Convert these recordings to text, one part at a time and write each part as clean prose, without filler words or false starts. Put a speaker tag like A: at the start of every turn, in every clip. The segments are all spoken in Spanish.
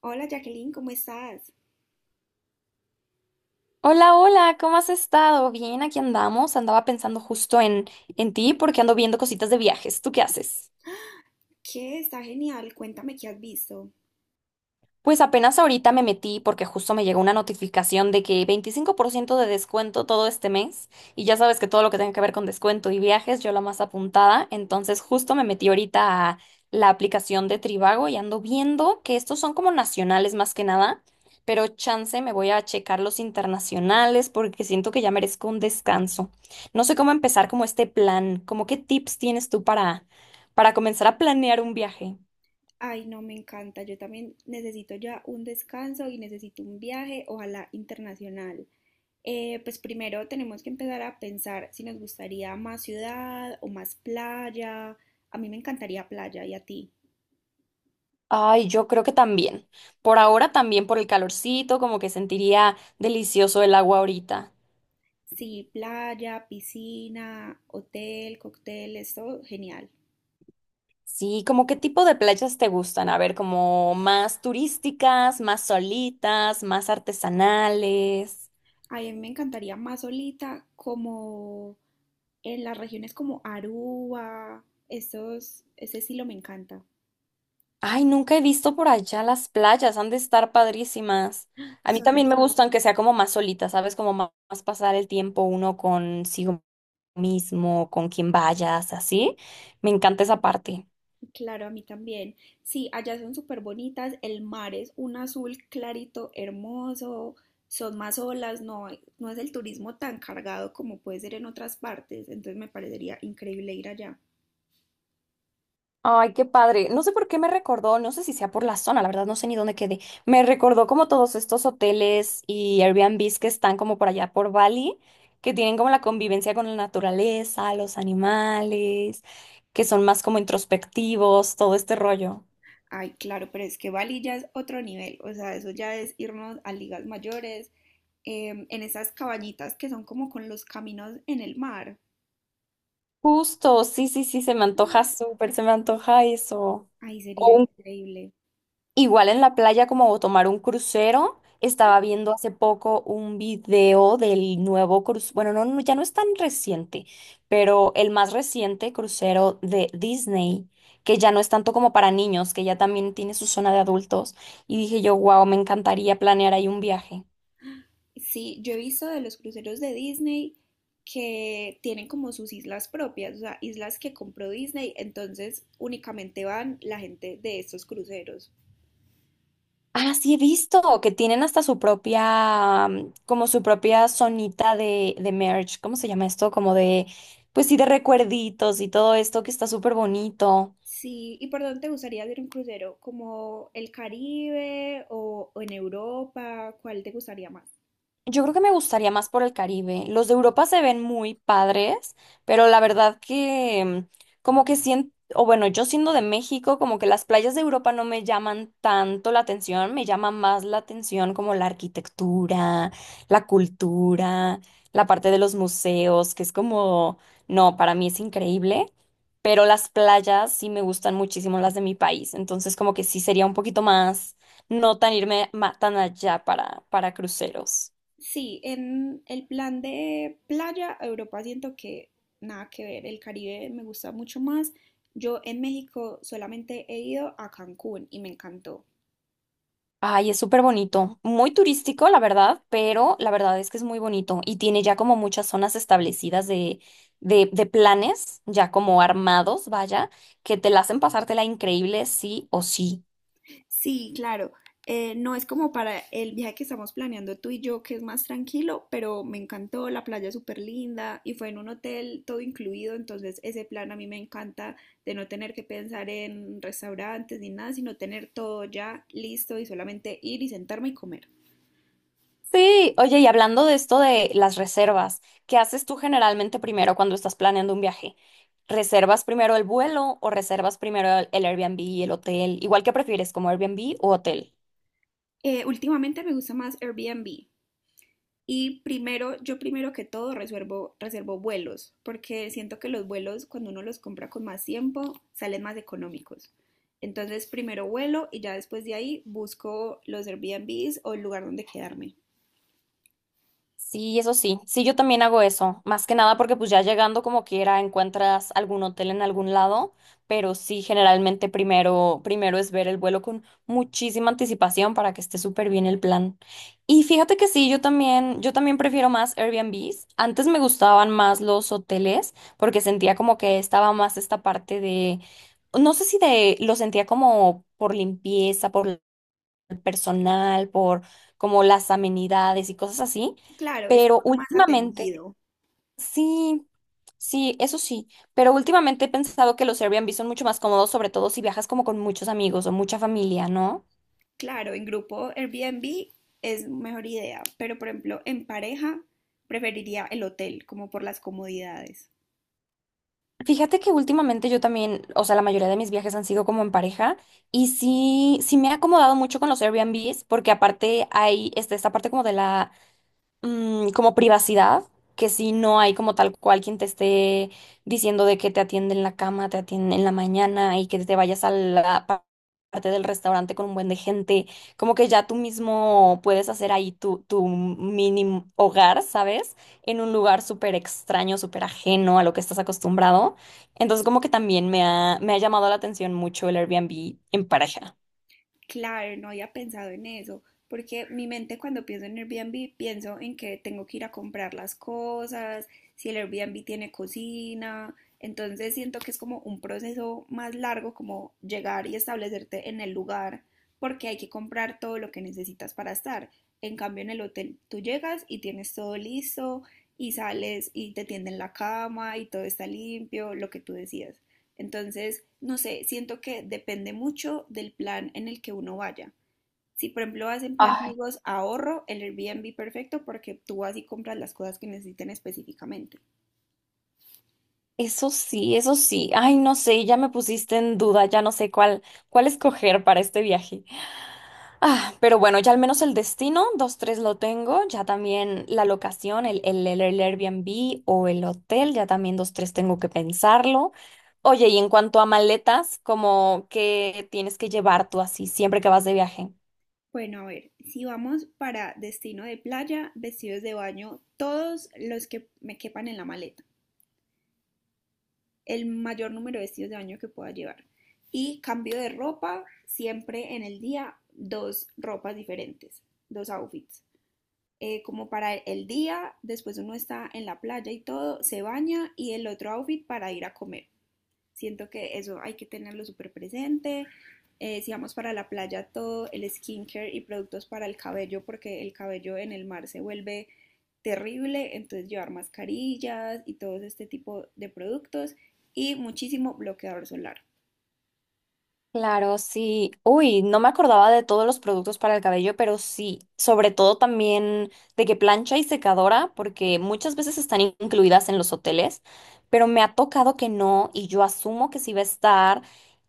A: Hola Jacqueline, ¿cómo estás?
B: Hola, hola, ¿cómo has estado? Bien, aquí andamos. Andaba pensando justo en ti porque ando viendo cositas de viajes. ¿Tú qué haces?
A: ¿Qué? Está genial, cuéntame qué has visto.
B: Pues apenas ahorita me metí porque justo me llegó una notificación de que 25% de descuento todo este mes y ya sabes que todo lo que tenga que ver con descuento y viajes, yo la más apuntada, entonces justo me metí ahorita a la aplicación de Trivago y ando viendo que estos son como nacionales más que nada, pero chance me voy a checar los internacionales porque siento que ya merezco un descanso. No sé cómo empezar como este plan, como qué tips tienes tú para comenzar a planear un viaje.
A: Ay, no, me encanta, yo también necesito ya un descanso y necesito un viaje, ojalá internacional. Pues primero tenemos que empezar a pensar si nos gustaría más ciudad o más playa. A mí me encantaría playa, ¿y a ti?
B: Ay, yo creo que también. Por ahora también por el calorcito, como que sentiría delicioso el agua ahorita.
A: Sí, playa, piscina, hotel, cócteles, todo genial.
B: Sí. ¿Como qué tipo de playas te gustan? A ver, como más turísticas, más solitas, más artesanales.
A: A mí me encantaría más solita, como en las regiones como Aruba, esos, ese estilo me encanta.
B: Ay, nunca he visto por allá las playas, han de estar padrísimas. A mí
A: Son
B: también me
A: el-
B: gustan que sea como más solitas, ¿sabes? Como más pasar el tiempo uno consigo mismo, con quien vayas, así. Me encanta esa parte.
A: claro, a mí también. Sí, allá son súper bonitas, el mar es un azul clarito, hermoso, son más olas, no, no es el turismo tan cargado como puede ser en otras partes, entonces me parecería increíble ir allá.
B: Ay, qué padre. No sé por qué me recordó, no sé si sea por la zona, la verdad no sé ni dónde quedé. Me recordó como todos estos hoteles y Airbnbs que están como por allá por Bali, que tienen como la convivencia con la naturaleza, los animales, que son más como introspectivos, todo este rollo.
A: Ay, claro, pero es que Bali ya es otro nivel, o sea, eso ya es irnos a ligas mayores, en esas cabañitas que son como con los caminos en el mar.
B: Justo, sí, sí, sí, se me antoja súper, se me antoja eso.
A: Ahí sería increíble.
B: Igual en la playa como tomar un crucero, estaba viendo hace poco un video del nuevo crucero, bueno, no, no, ya no es tan reciente, pero el más reciente crucero de Disney, que ya no es tanto como para niños, que ya también tiene su zona de adultos, y dije yo, wow, me encantaría planear ahí un viaje.
A: Sí, yo he visto de los cruceros de Disney que tienen como sus islas propias, o sea, islas que compró Disney, entonces únicamente van la gente de estos cruceros.
B: Ah, sí he visto que tienen hasta su propia, como su propia zonita de merch. ¿Cómo se llama esto? Como de, pues sí, de recuerditos y todo esto que está súper bonito.
A: Sí, ¿y por dónde te gustaría hacer un crucero? ¿Como el Caribe o en Europa? ¿Cuál te gustaría más?
B: Yo creo que me gustaría más por el Caribe. Los de Europa se ven muy padres, pero la verdad que como que siento, o bueno, yo siendo de México, como que las playas de Europa no me llaman tanto la atención, me llama más la atención como la arquitectura, la cultura, la parte de los museos, que es como, no, para mí es increíble, pero las playas sí me gustan muchísimo las de mi país, entonces como que sí sería un poquito más, no tan irme tan allá para cruceros.
A: Sí, en el plan de playa, Europa siento que nada que ver, el Caribe me gusta mucho más. Yo en México solamente he ido a Cancún y me encantó.
B: Ay, es súper bonito, muy turístico, la verdad, pero la verdad es que es muy bonito y tiene ya como muchas zonas establecidas de planes, ya como armados, vaya, que te la hacen pasártela increíble, sí o sí.
A: Sí, claro, no es como para el viaje que estamos planeando tú y yo, que es más tranquilo, pero me encantó, la playa es súper linda y fue en un hotel todo incluido, entonces ese plan a mí me encanta de no tener que pensar en restaurantes ni nada, sino tener todo ya listo y solamente ir y sentarme y comer.
B: Sí, oye, y hablando de esto de las reservas, ¿qué haces tú generalmente primero cuando estás planeando un viaje? ¿Reservas primero el vuelo o reservas primero el Airbnb y el hotel? Igual que prefieres, como Airbnb o hotel.
A: Últimamente me gusta más Airbnb. Y primero, yo primero que todo reservo vuelos, porque siento que los vuelos, cuando uno los compra con más tiempo, salen más económicos. Entonces, primero vuelo y ya después de ahí busco los Airbnbs o el lugar donde quedarme.
B: Sí, eso sí. Sí, yo también hago eso. Más que nada porque pues ya llegando como quiera encuentras algún hotel en algún lado, pero sí generalmente primero es ver el vuelo con muchísima anticipación para que esté súper bien el plan. Y fíjate que sí, yo también prefiero más Airbnbs. Antes me gustaban más los hoteles porque sentía como que estaba más esta parte de no sé si de lo sentía como por limpieza, por personal, por como las amenidades y cosas así,
A: Claro, es
B: pero
A: uno más
B: últimamente,
A: atendido.
B: sí, sí, eso sí, pero últimamente he pensado que los Airbnb son mucho más cómodos, sobre todo si viajas como con muchos amigos o mucha familia, ¿no?
A: Claro, en grupo Airbnb es mejor idea, pero por ejemplo, en pareja preferiría el hotel, como por las comodidades.
B: Fíjate que últimamente yo también, o sea, la mayoría de mis viajes han sido como en pareja y sí, sí me he acomodado mucho con los Airbnbs porque aparte hay este, esta parte como de la como privacidad, que si no hay como tal cual quien te esté diciendo de que te atiende en la cama, te atiende en la mañana y que te vayas a la parte del restaurante con un buen de gente, como que ya tú mismo puedes hacer ahí tu mini hogar, ¿sabes? En un lugar súper extraño, súper ajeno a lo que estás acostumbrado. Entonces como que también me ha llamado la atención mucho el Airbnb en pareja.
A: Claro, no había pensado en eso, porque mi mente cuando pienso en Airbnb pienso en que tengo que ir a comprar las cosas, si el Airbnb tiene cocina, entonces siento que es como un proceso más largo como llegar y establecerte en el lugar, porque hay que comprar todo lo que necesitas para estar. En cambio, en el hotel tú llegas y tienes todo listo y sales y te tienden la cama y todo está limpio, lo que tú decías. Entonces, no sé, siento que depende mucho del plan en el que uno vaya. Si, por ejemplo, vas en plan amigos, ahorro el Airbnb perfecto porque tú vas y compras las cosas que necesiten específicamente.
B: Eso sí, eso sí. Ay, no sé, ya me pusiste en duda, ya no sé cuál escoger para este viaje. Ah, pero bueno, ya al menos el destino, dos, tres lo tengo, ya también la locación, el Airbnb o el hotel, ya también dos, tres tengo que pensarlo. Oye, ¿y en cuanto a maletas, como que tienes que llevar tú así siempre que vas de viaje?
A: Bueno, a ver, si vamos para destino de playa, vestidos de baño, todos los que me quepan en la maleta, el mayor número de vestidos de baño que pueda llevar. Y cambio de ropa, siempre en el día, dos ropas diferentes, dos outfits. Como para el día, después uno está en la playa y todo, se baña y el otro outfit para ir a comer. Siento que eso hay que tenerlo súper presente. Si vamos para la playa, todo el skincare y productos para el cabello, porque el cabello en el mar se vuelve terrible, entonces llevar mascarillas y todo este tipo de productos y muchísimo bloqueador solar.
B: Claro, sí. Uy, no me acordaba de todos los productos para el cabello, pero sí, sobre todo también de que plancha y secadora, porque muchas veces están incluidas en los hoteles, pero me ha tocado que no y yo asumo que sí va a estar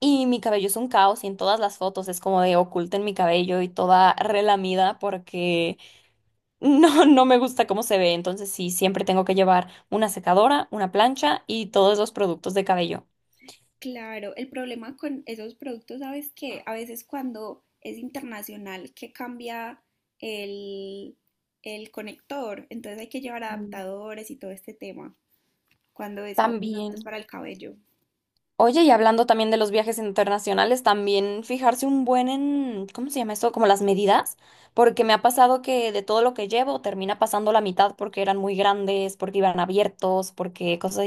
B: y mi cabello es un caos y en todas las fotos es como de oculten mi cabello y toda relamida porque no, no me gusta cómo se ve, entonces sí, siempre tengo que llevar una secadora, una plancha y todos los productos de cabello.
A: Claro, el problema con esos productos, ¿sabes qué? A veces cuando es internacional que cambia el, el conector, entonces hay que llevar
B: Mm.
A: adaptadores y todo este tema, cuando es con productos
B: También.
A: para el cabello.
B: Oye, y hablando también de los viajes internacionales, también fijarse un buen en, ¿cómo se llama eso? Como las medidas, porque me ha pasado que de todo lo que llevo termina pasando la mitad porque eran muy grandes, porque iban abiertos, porque cosa,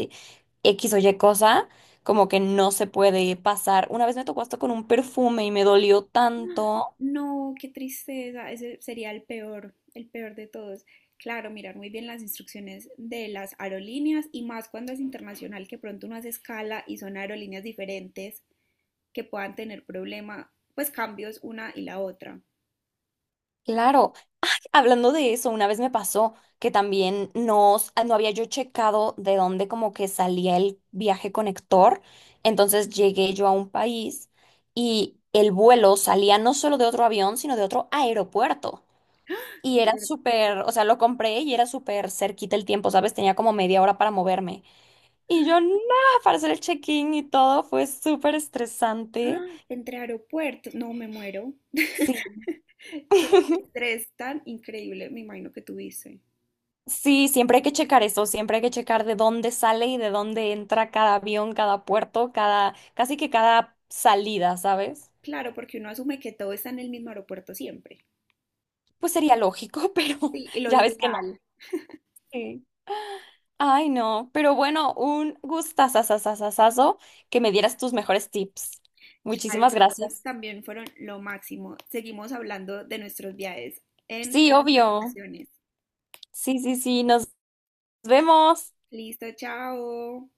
B: X o Y cosa, como que no se puede pasar. Una vez me tocó hasta con un perfume y me dolió tanto.
A: No, qué tristeza, ese sería el peor de todos. Claro, mirar muy bien las instrucciones de las aerolíneas y más cuando es internacional, que pronto uno hace escala y son aerolíneas diferentes que puedan tener problema, pues cambios una y la otra.
B: Claro. Hablando de eso, una vez me pasó que también no había yo checado de dónde como que salía el viaje conector. Entonces llegué yo a un país y el vuelo salía no solo de otro avión, sino de otro aeropuerto. Y
A: De
B: era
A: ver-
B: súper, o sea, lo compré y era súper cerquita el tiempo, ¿sabes? Tenía como media hora para moverme. Y yo, nada, para hacer el check-in y todo, fue súper estresante.
A: ¡Ah! Entre aeropuertos, no me muero.
B: Sí.
A: Qué estrés tan increíble, me imagino que tuviste.
B: Sí, siempre hay que checar eso, siempre hay que checar de dónde sale y de dónde entra cada avión, cada puerto, cada, casi que cada salida, ¿sabes?
A: Claro, porque uno asume que todo está en el mismo aeropuerto siempre.
B: Pues sería lógico, pero
A: Sí, y lo
B: ya ves que no.
A: ideal.
B: Sí. Ay, no, pero bueno, un gustazazazazazazo que me dieras tus mejores tips.
A: Claro, y
B: Muchísimas
A: los tuyos
B: gracias.
A: también fueron lo máximo. Seguimos hablando de nuestros viajes en
B: Sí,
A: otras
B: obvio.
A: ocasiones.
B: Sí, sí, sí, nos vemos.
A: Listo, chao.